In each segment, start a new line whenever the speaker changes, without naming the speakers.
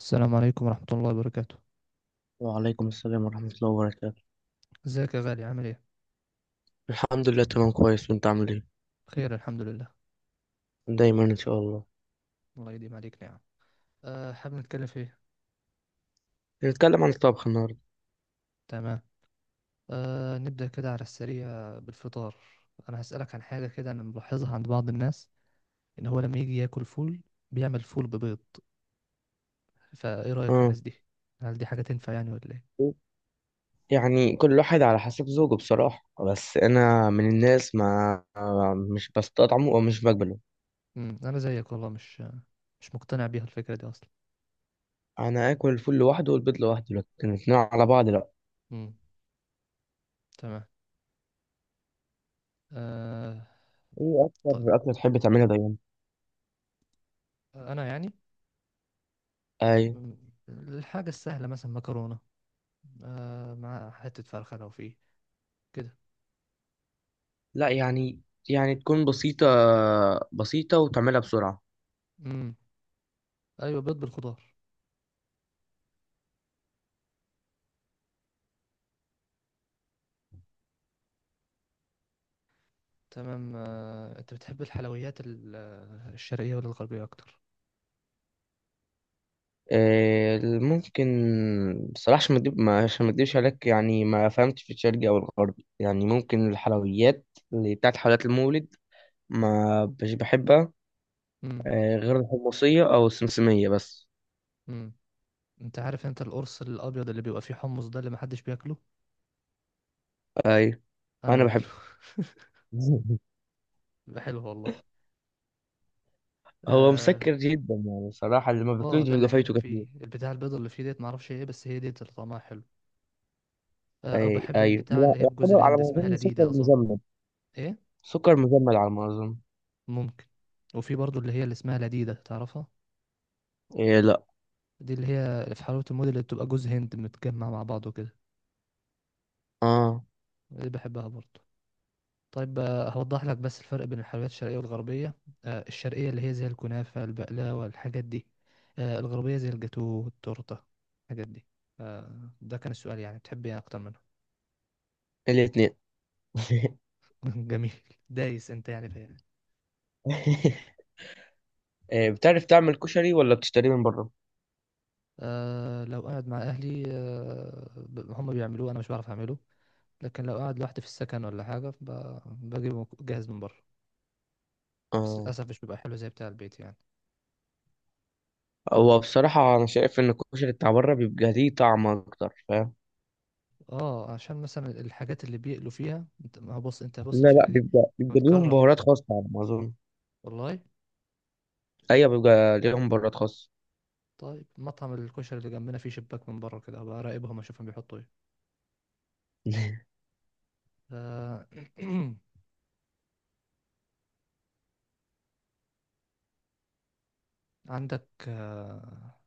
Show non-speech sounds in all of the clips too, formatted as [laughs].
السلام عليكم ورحمة الله وبركاته.
وعليكم السلام ورحمة الله وبركاته.
ازيك يا غالي، عامل ايه؟
الحمد لله تمام كويس، وانت عامل ايه؟
بخير الحمد لله.
دايما ان شاء الله.
الله يديم عليك. نعم. حابب نتكلم في ايه؟
نتكلم عن الطبخ النهاردة.
تمام. نبدأ كده على السريع بالفطار. انا هسألك عن حاجة كده انا ملاحظها عند بعض الناس، ان هو لما يجي ياكل فول بيعمل فول ببيض، فايه رأيك في
اه،
الناس دي؟ هل دي حاجة تنفع يعني ولا ايه؟
يعني كل واحد على حسب ذوقه بصراحة، بس انا من الناس ما مش بستطعمه او مش بقبله.
انا زيك والله مش مقتنع بيها الفكرة دي اصلا.
انا اكل الفول لوحده والبيض لوحده، لكن الاتنين على بعض لا.
امم. تمام. أه
ايه
ط-
اكتر اكلة تحب تعملها دايما؟
انا يعني،
اي.
مم، الحاجة السهلة مثلا مكرونة، مع حتة فرخة لو فيه كده.
لا يعني، يعني تكون بسيطة، بسيطة وتعملها بسرعة.
امم ايوه، بيض بالخضار. تمام. انت بتحب الحلويات الشرقية ولا الغربية اكتر؟
ممكن. بصراحة عشان ما أكدب- ما- عشان ما اكدبش عليك، يعني ما فهمتش في الشرقي او الغربي. يعني ممكن الحلويات اللي بتاعت حلويات المولد ما مش بحبها.
امم
غير الحمصية او السمسمية بس.
امم انت عارف انت القرص الابيض اللي بيبقى فيه حمص ده اللي محدش بياكله؟
اي،
انا
انا
باكله.
بحب.
[laughs]
[laughs]
بيبقى حلو والله.
هو
اه.
مسكر جدا يعني بصراحة، اللي ما بياكلوش
ده
بيبقى
اللي حلو
فايته كتير.
فيه البتاع البيض اللي فيه ديت، معرفش ايه، بس هي ديت اللي طعمها حلو. او
اي
بحب
اي.
البتاع
لا،
اللي هي بجوز
يعتبر على
الهند
ما
اسمها
اظن سكر
لديدة اظن.
مجمد.
ايه.
سكر مجمد على ما اظن.
ممكن. وفي برضو اللي هي اللي اسمها لديدة، تعرفها؟
إيه لا.
دي اللي هي في حلاوة الموديل اللي بتبقى جوز هند متجمع مع بعضه كده.
اه.
دي بحبها برضه. طيب، هوضح لك بس الفرق بين الحلويات الشرقية والغربية. الشرقية اللي هي زي الكنافة، البقلاوة، الحاجات دي. الغربية زي الجاتو والتورتة، الحاجات دي. ده كان السؤال، يعني بتحب ايه أكتر منهم؟
الاتنين.
[laughs] جميل. دايس انت يعني فيها.
[laughs] إيه، بتعرف تعمل كشري ولا بتشتريه من بره؟
أه، لو قاعد مع أهلي هم بيعملوه، أنا مش بعرف أعمله. لكن لو قاعد لوحدي في السكن ولا حاجة بجيبه جاهز من بره. بس
اه.
للأسف مش بيبقى حلو زي بتاع البيت يعني.
هو بصراحة أنا شايف إن الكشري بتاع بره بيبقى ليه طعم أكتر، فاهم؟
اه، عشان مثلا الحاجات اللي بيقلوا فيها، انت ما هو بص، انت بص
لا لا،
الفكرة دي.
بيبقى ليهم
متكرر.
بهارات خاصة على ما أظن.
والله.
أيوة، بيبقى ليهم بهارات خاصة.
طيب، مطعم الكشري اللي جنبنا فيه شباك من بره كده، هبقى اراقبهم اشوفهم بيحطوا ايه.
[laughs]
آه، [clears throat] عندك،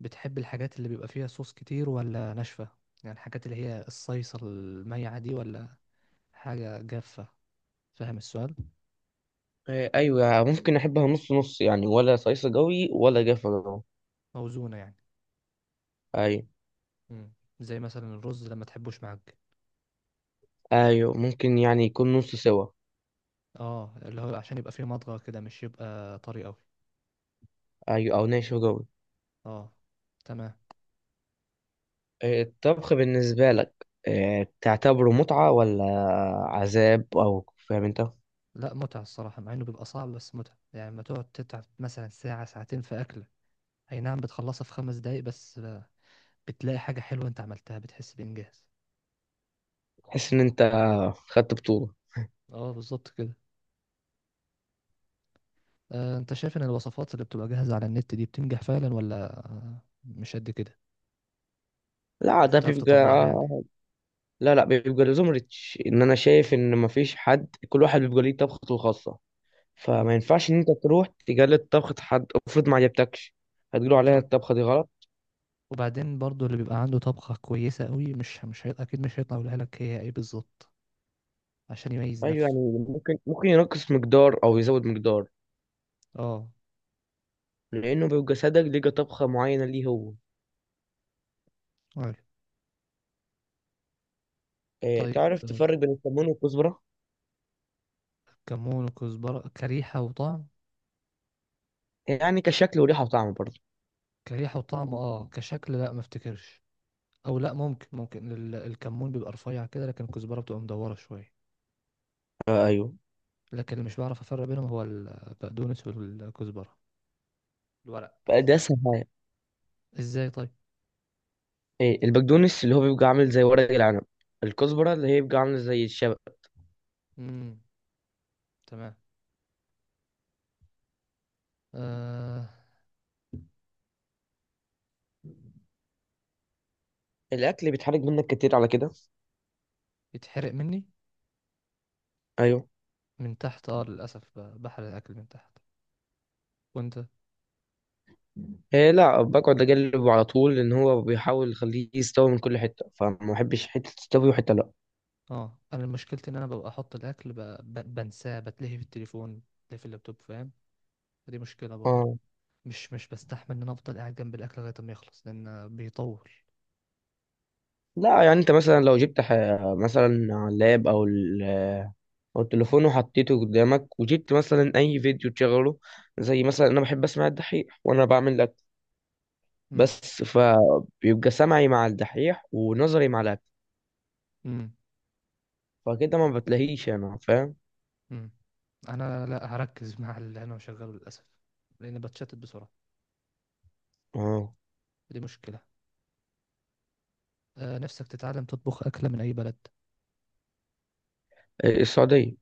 بتحب الحاجات اللي بيبقى فيها صوص كتير ولا ناشفة؟ يعني الحاجات اللي هي الصيصة الميعة دي ولا حاجة جافة؟ فاهم السؤال؟
إيه، أيوة يعني ممكن أحبها نص نص، يعني ولا صيصة جوي ولا جافة جوي.
موزونة يعني.
أيوة.
مم. زي مثلا الرز لما تحبوش معاك.
أيوة ممكن، يعني يكون نص سوا.
اه، اللي هو عشان يبقى فيه مضغة كده، مش يبقى طري قوي.
أيوة، أو ناشف جوي.
اه. تمام.
إيه، الطبخ بالنسبة لك إيه، تعتبره متعة ولا عذاب، أو فاهم أنت.
لا، متعة الصراحة، مع إنه بيبقى صعب، بس متعة يعني لما تقعد تتعب مثلا ساعة ساعتين في أكلة، أي نعم بتخلصها في خمس دقايق بس بتلاقي حاجة حلوة أنت عملتها، بتحس بإنجاز.
تحس إن أنت خدت بطولة.
أه، بالظبط كده. أنت شايف إن الوصفات اللي بتبقى جاهزة على النت دي بتنجح فعلا ولا مش قد كده؟
لا
مش
ده
بتعرف تطبقها
بيبقى،
يعني؟
لا بيبقى لازم ريتش، ان انا شايف ان مفيش حد، كل واحد بيبقى ليه طبخته الخاصه.
امم
فما ينفعش ان انت تروح تجلد طبخه حد افرض ما عجبتكش. هتقولوا عليها
صح.
الطبخه دي غلط.
وبعدين برضو اللي بيبقى عنده طبخة كويسة قوي مش هي أكيد مش هيطلع يقولها لك هي إيه بالظبط، عشان يميز
ايوه
نفسه.
يعني، ممكن ينقص مقدار او يزود مقدار.
أه،
لانه بيبقى صدق لقى طبخه معينه ليه هو.
أيوة.
إيه،
طيب،
تعرف تفرق بين الكمون والكزبره؟
كمون وكزبرة كريحة وطعم؟
يعني كشكل وريحه وطعم برضه.
كريحة وطعم، اه، كشكل لا ما افتكرش. او لا، ممكن الكمون بيبقى رفيع كده، لكن الكزبرة بتبقى مدورة شوية.
آه ايوه.
لكن اللي مش بعرف افرق بينهم هو البقدونس والكزبرة، الورق.
بقى ده اسهل حاجه.
ازاي طيب؟
إيه، البقدونس اللي هو بيبقى عامل زي ورق العنب، الكزبره اللي هي بيبقى عامله زي الشبت.
امم. تمام. آه
الاكل بيتحرق منك كتير على كده؟
يتحرق مني
ايوه.
من تحت، اه للاسف بحرق الاكل من تحت. وانت؟
إيه لا، بقعد اجلبه على طول، لان هو بيحاول يخليه يستوي من كل حته، فما بحبش حته تستوي وحته لا.
اه، انا مشكلتي ان انا ببقى احط الاكل بنساه، بتلهي في التليفون، بتلهي في اللابتوب، فاهم؟ فدي مشكلة برضه.
اه.
مش بستحمل ان انا افضل قاعد جنب الاكل لغاية ما يخلص، لان بيطول.
لا يعني انت مثلا لو جبت ح... مثلا على اللاب او ال... او التليفون، وحطيته قدامك وجبت مثلا اي فيديو تشغله، زي مثلا انا بحب اسمع الدحيح وانا بعمل اكل.
امم
بس فبيبقى سمعي مع الدحيح ونظري مع الاكل.
امم
فكده ما بتلاقيش، انا فاهم.
امم انا لا هركز مع اللي انا مشغله للاسف، لاني بتشتت بسرعه.
اه.
دي مشكله. نفسك تتعلم تطبخ اكله من اي بلد؟
إيه السعوديه.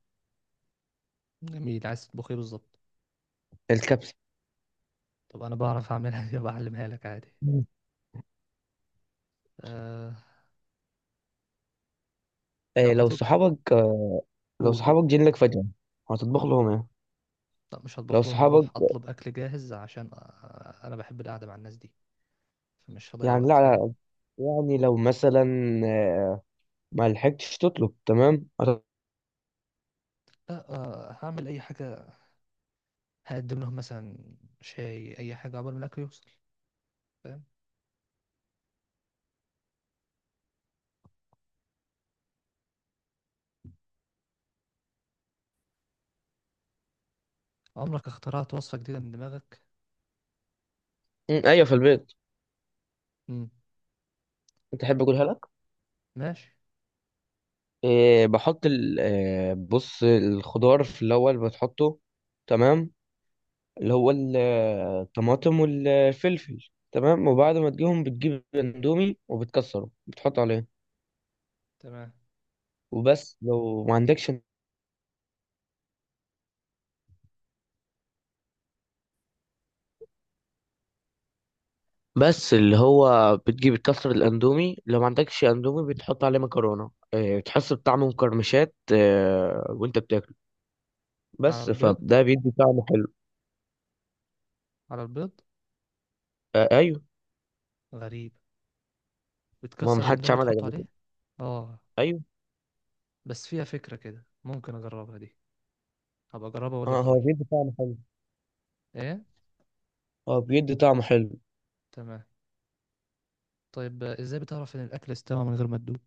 جميل، عايز تطبخ ايه بالظبط؟
الكبسه.
طب انا بعرف اعملها، [laughs] دي بعلمها لك عادي.
مم.
أه لو
إيه لو
هتطبخ،
صحابك، لو
قول قول.
صحابك جيلك فجاه، هتطبخ
مم.
لهم إيه؟
لا مش
لو
هطبخ لهم،
صحابك،
هروح اطلب اكل جاهز عشان انا بحب القعده مع الناس دي، فمش هضيع
يعني لا
وقت، فاهم؟
لا، يعني لو مثلا، آه، ما لحقتش تطلب، تمام
لا، هعمل اي حاجه، هقدم لهم مثلا شاي اي حاجه عقبال ما الاكل يوصل، فاهم؟ عمرك اخترعت وصفه جديده من دماغك؟
ايوه في البيت.
مم.
انت تحب اقولها لك؟
ماشي.
إيه، بحط بص الخضار في الاول بتحطه، تمام، اللي هو الطماطم والفلفل، تمام، وبعد ما تجيهم بتجيب اندومي وبتكسره بتحط عليه.
تمام.
وبس لو ما عندكش، بس اللي هو بتجيب تكسر الاندومي، لو ما عندكش اندومي بتحط عليه مكرونه. بتحس بطعم مقرمشات وانت بتاكل.
على
بس
البيض؟
فده بيدي طعم حلو.
على البيض؟
ايوه.
غريب،
ما
بتكسر
محدش
الاندومي
عملها
تحطه
قبل كده.
عليه. اه.
ايوه.
بس فيها فكرة كده، ممكن اجربها دي، هبقى اجربها واقول
اه
لك
هو
رأيي.
بيدي طعم حلو.
ايه.
هو بيدي طعم حلو.
تمام. طيب، ازاي بتعرف ان الاكل استوى من غير ما تدوق؟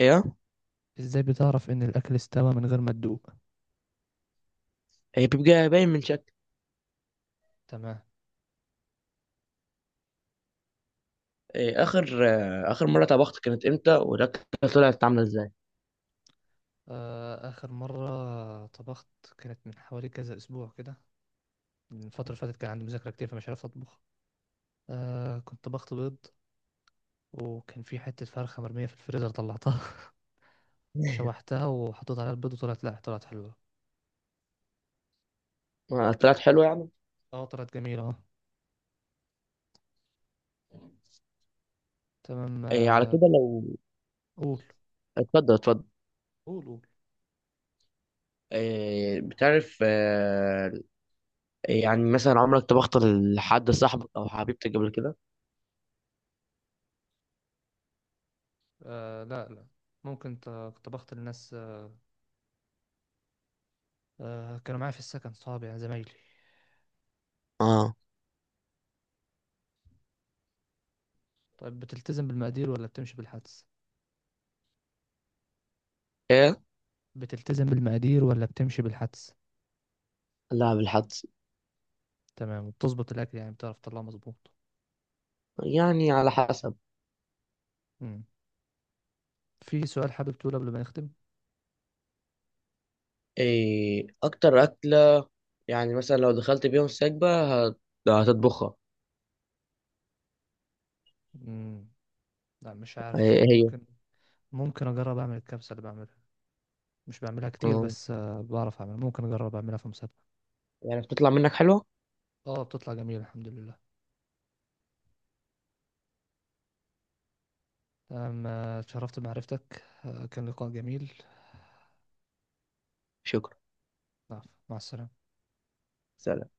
ايه.
ازاي بتعرف ان الاكل استوى من غير ما تدوق؟
هي بيبقى باين من شكل.
تمام.
إيه، اخر اخر مره طبخت كانت امتى، والاكله طلعت عامله ازاي؟
اخر مرة طبخت كانت من حوالي كذا اسبوع كده، من الفترة اللي فاتت كان عندي مذاكرة كتير فمش عارف اطبخ. كنت طبخت بيض، وكان في حتة فرخة مرمية في الفريزر طلعتها، شوحتها وحطيت عليها البيض، وطلعت، لا، طلعت حلوة.
طلعت حلوه يعني.
اه، طلعت جميلة، اه. تمام.
إيه على كده لو،
قول
اتفضل اتفضل.
قول قول.
إيه، بتعرف يعني مثلا عمرك طبخت لحد صاحبك او حبيبتك قبل كده؟
آه لا لا، ممكن طبخت للناس. كانوا معايا في السكن صحابي يعني زمايلي.
اه.
طيب، بتلتزم بالمقادير ولا بتمشي بالحدس؟
ايه.
بتلتزم بالمقادير ولا بتمشي بالحدس؟
لا، بالحدس.
تمام، وبتظبط الأكل يعني، بتعرف تطلعه مظبوط؟
يعني على حسب.
مم. في سؤال حابب تقوله قبل ما نختم؟
ايه اكتر اكله، يعني مثلا لو دخلت بيهم سكبه، هت- هتطبخها؟
مم. لا، مش عارف
إيه
الصراحة،
هي؟
ممكن. ممكن أجرب أعمل الكبسة اللي بعملها، مش بعملها كتير،
آه.
بس بعرف أعملها، ممكن أجرب أعملها في مسابقة.
يعني بتطلع منك حلوه.
اه، بتطلع جميل الحمد لله. تمام. اتشرفت بمعرفتك، كان لقاء جميل.
شكرا.
نعم. مع السلامة.
سلام.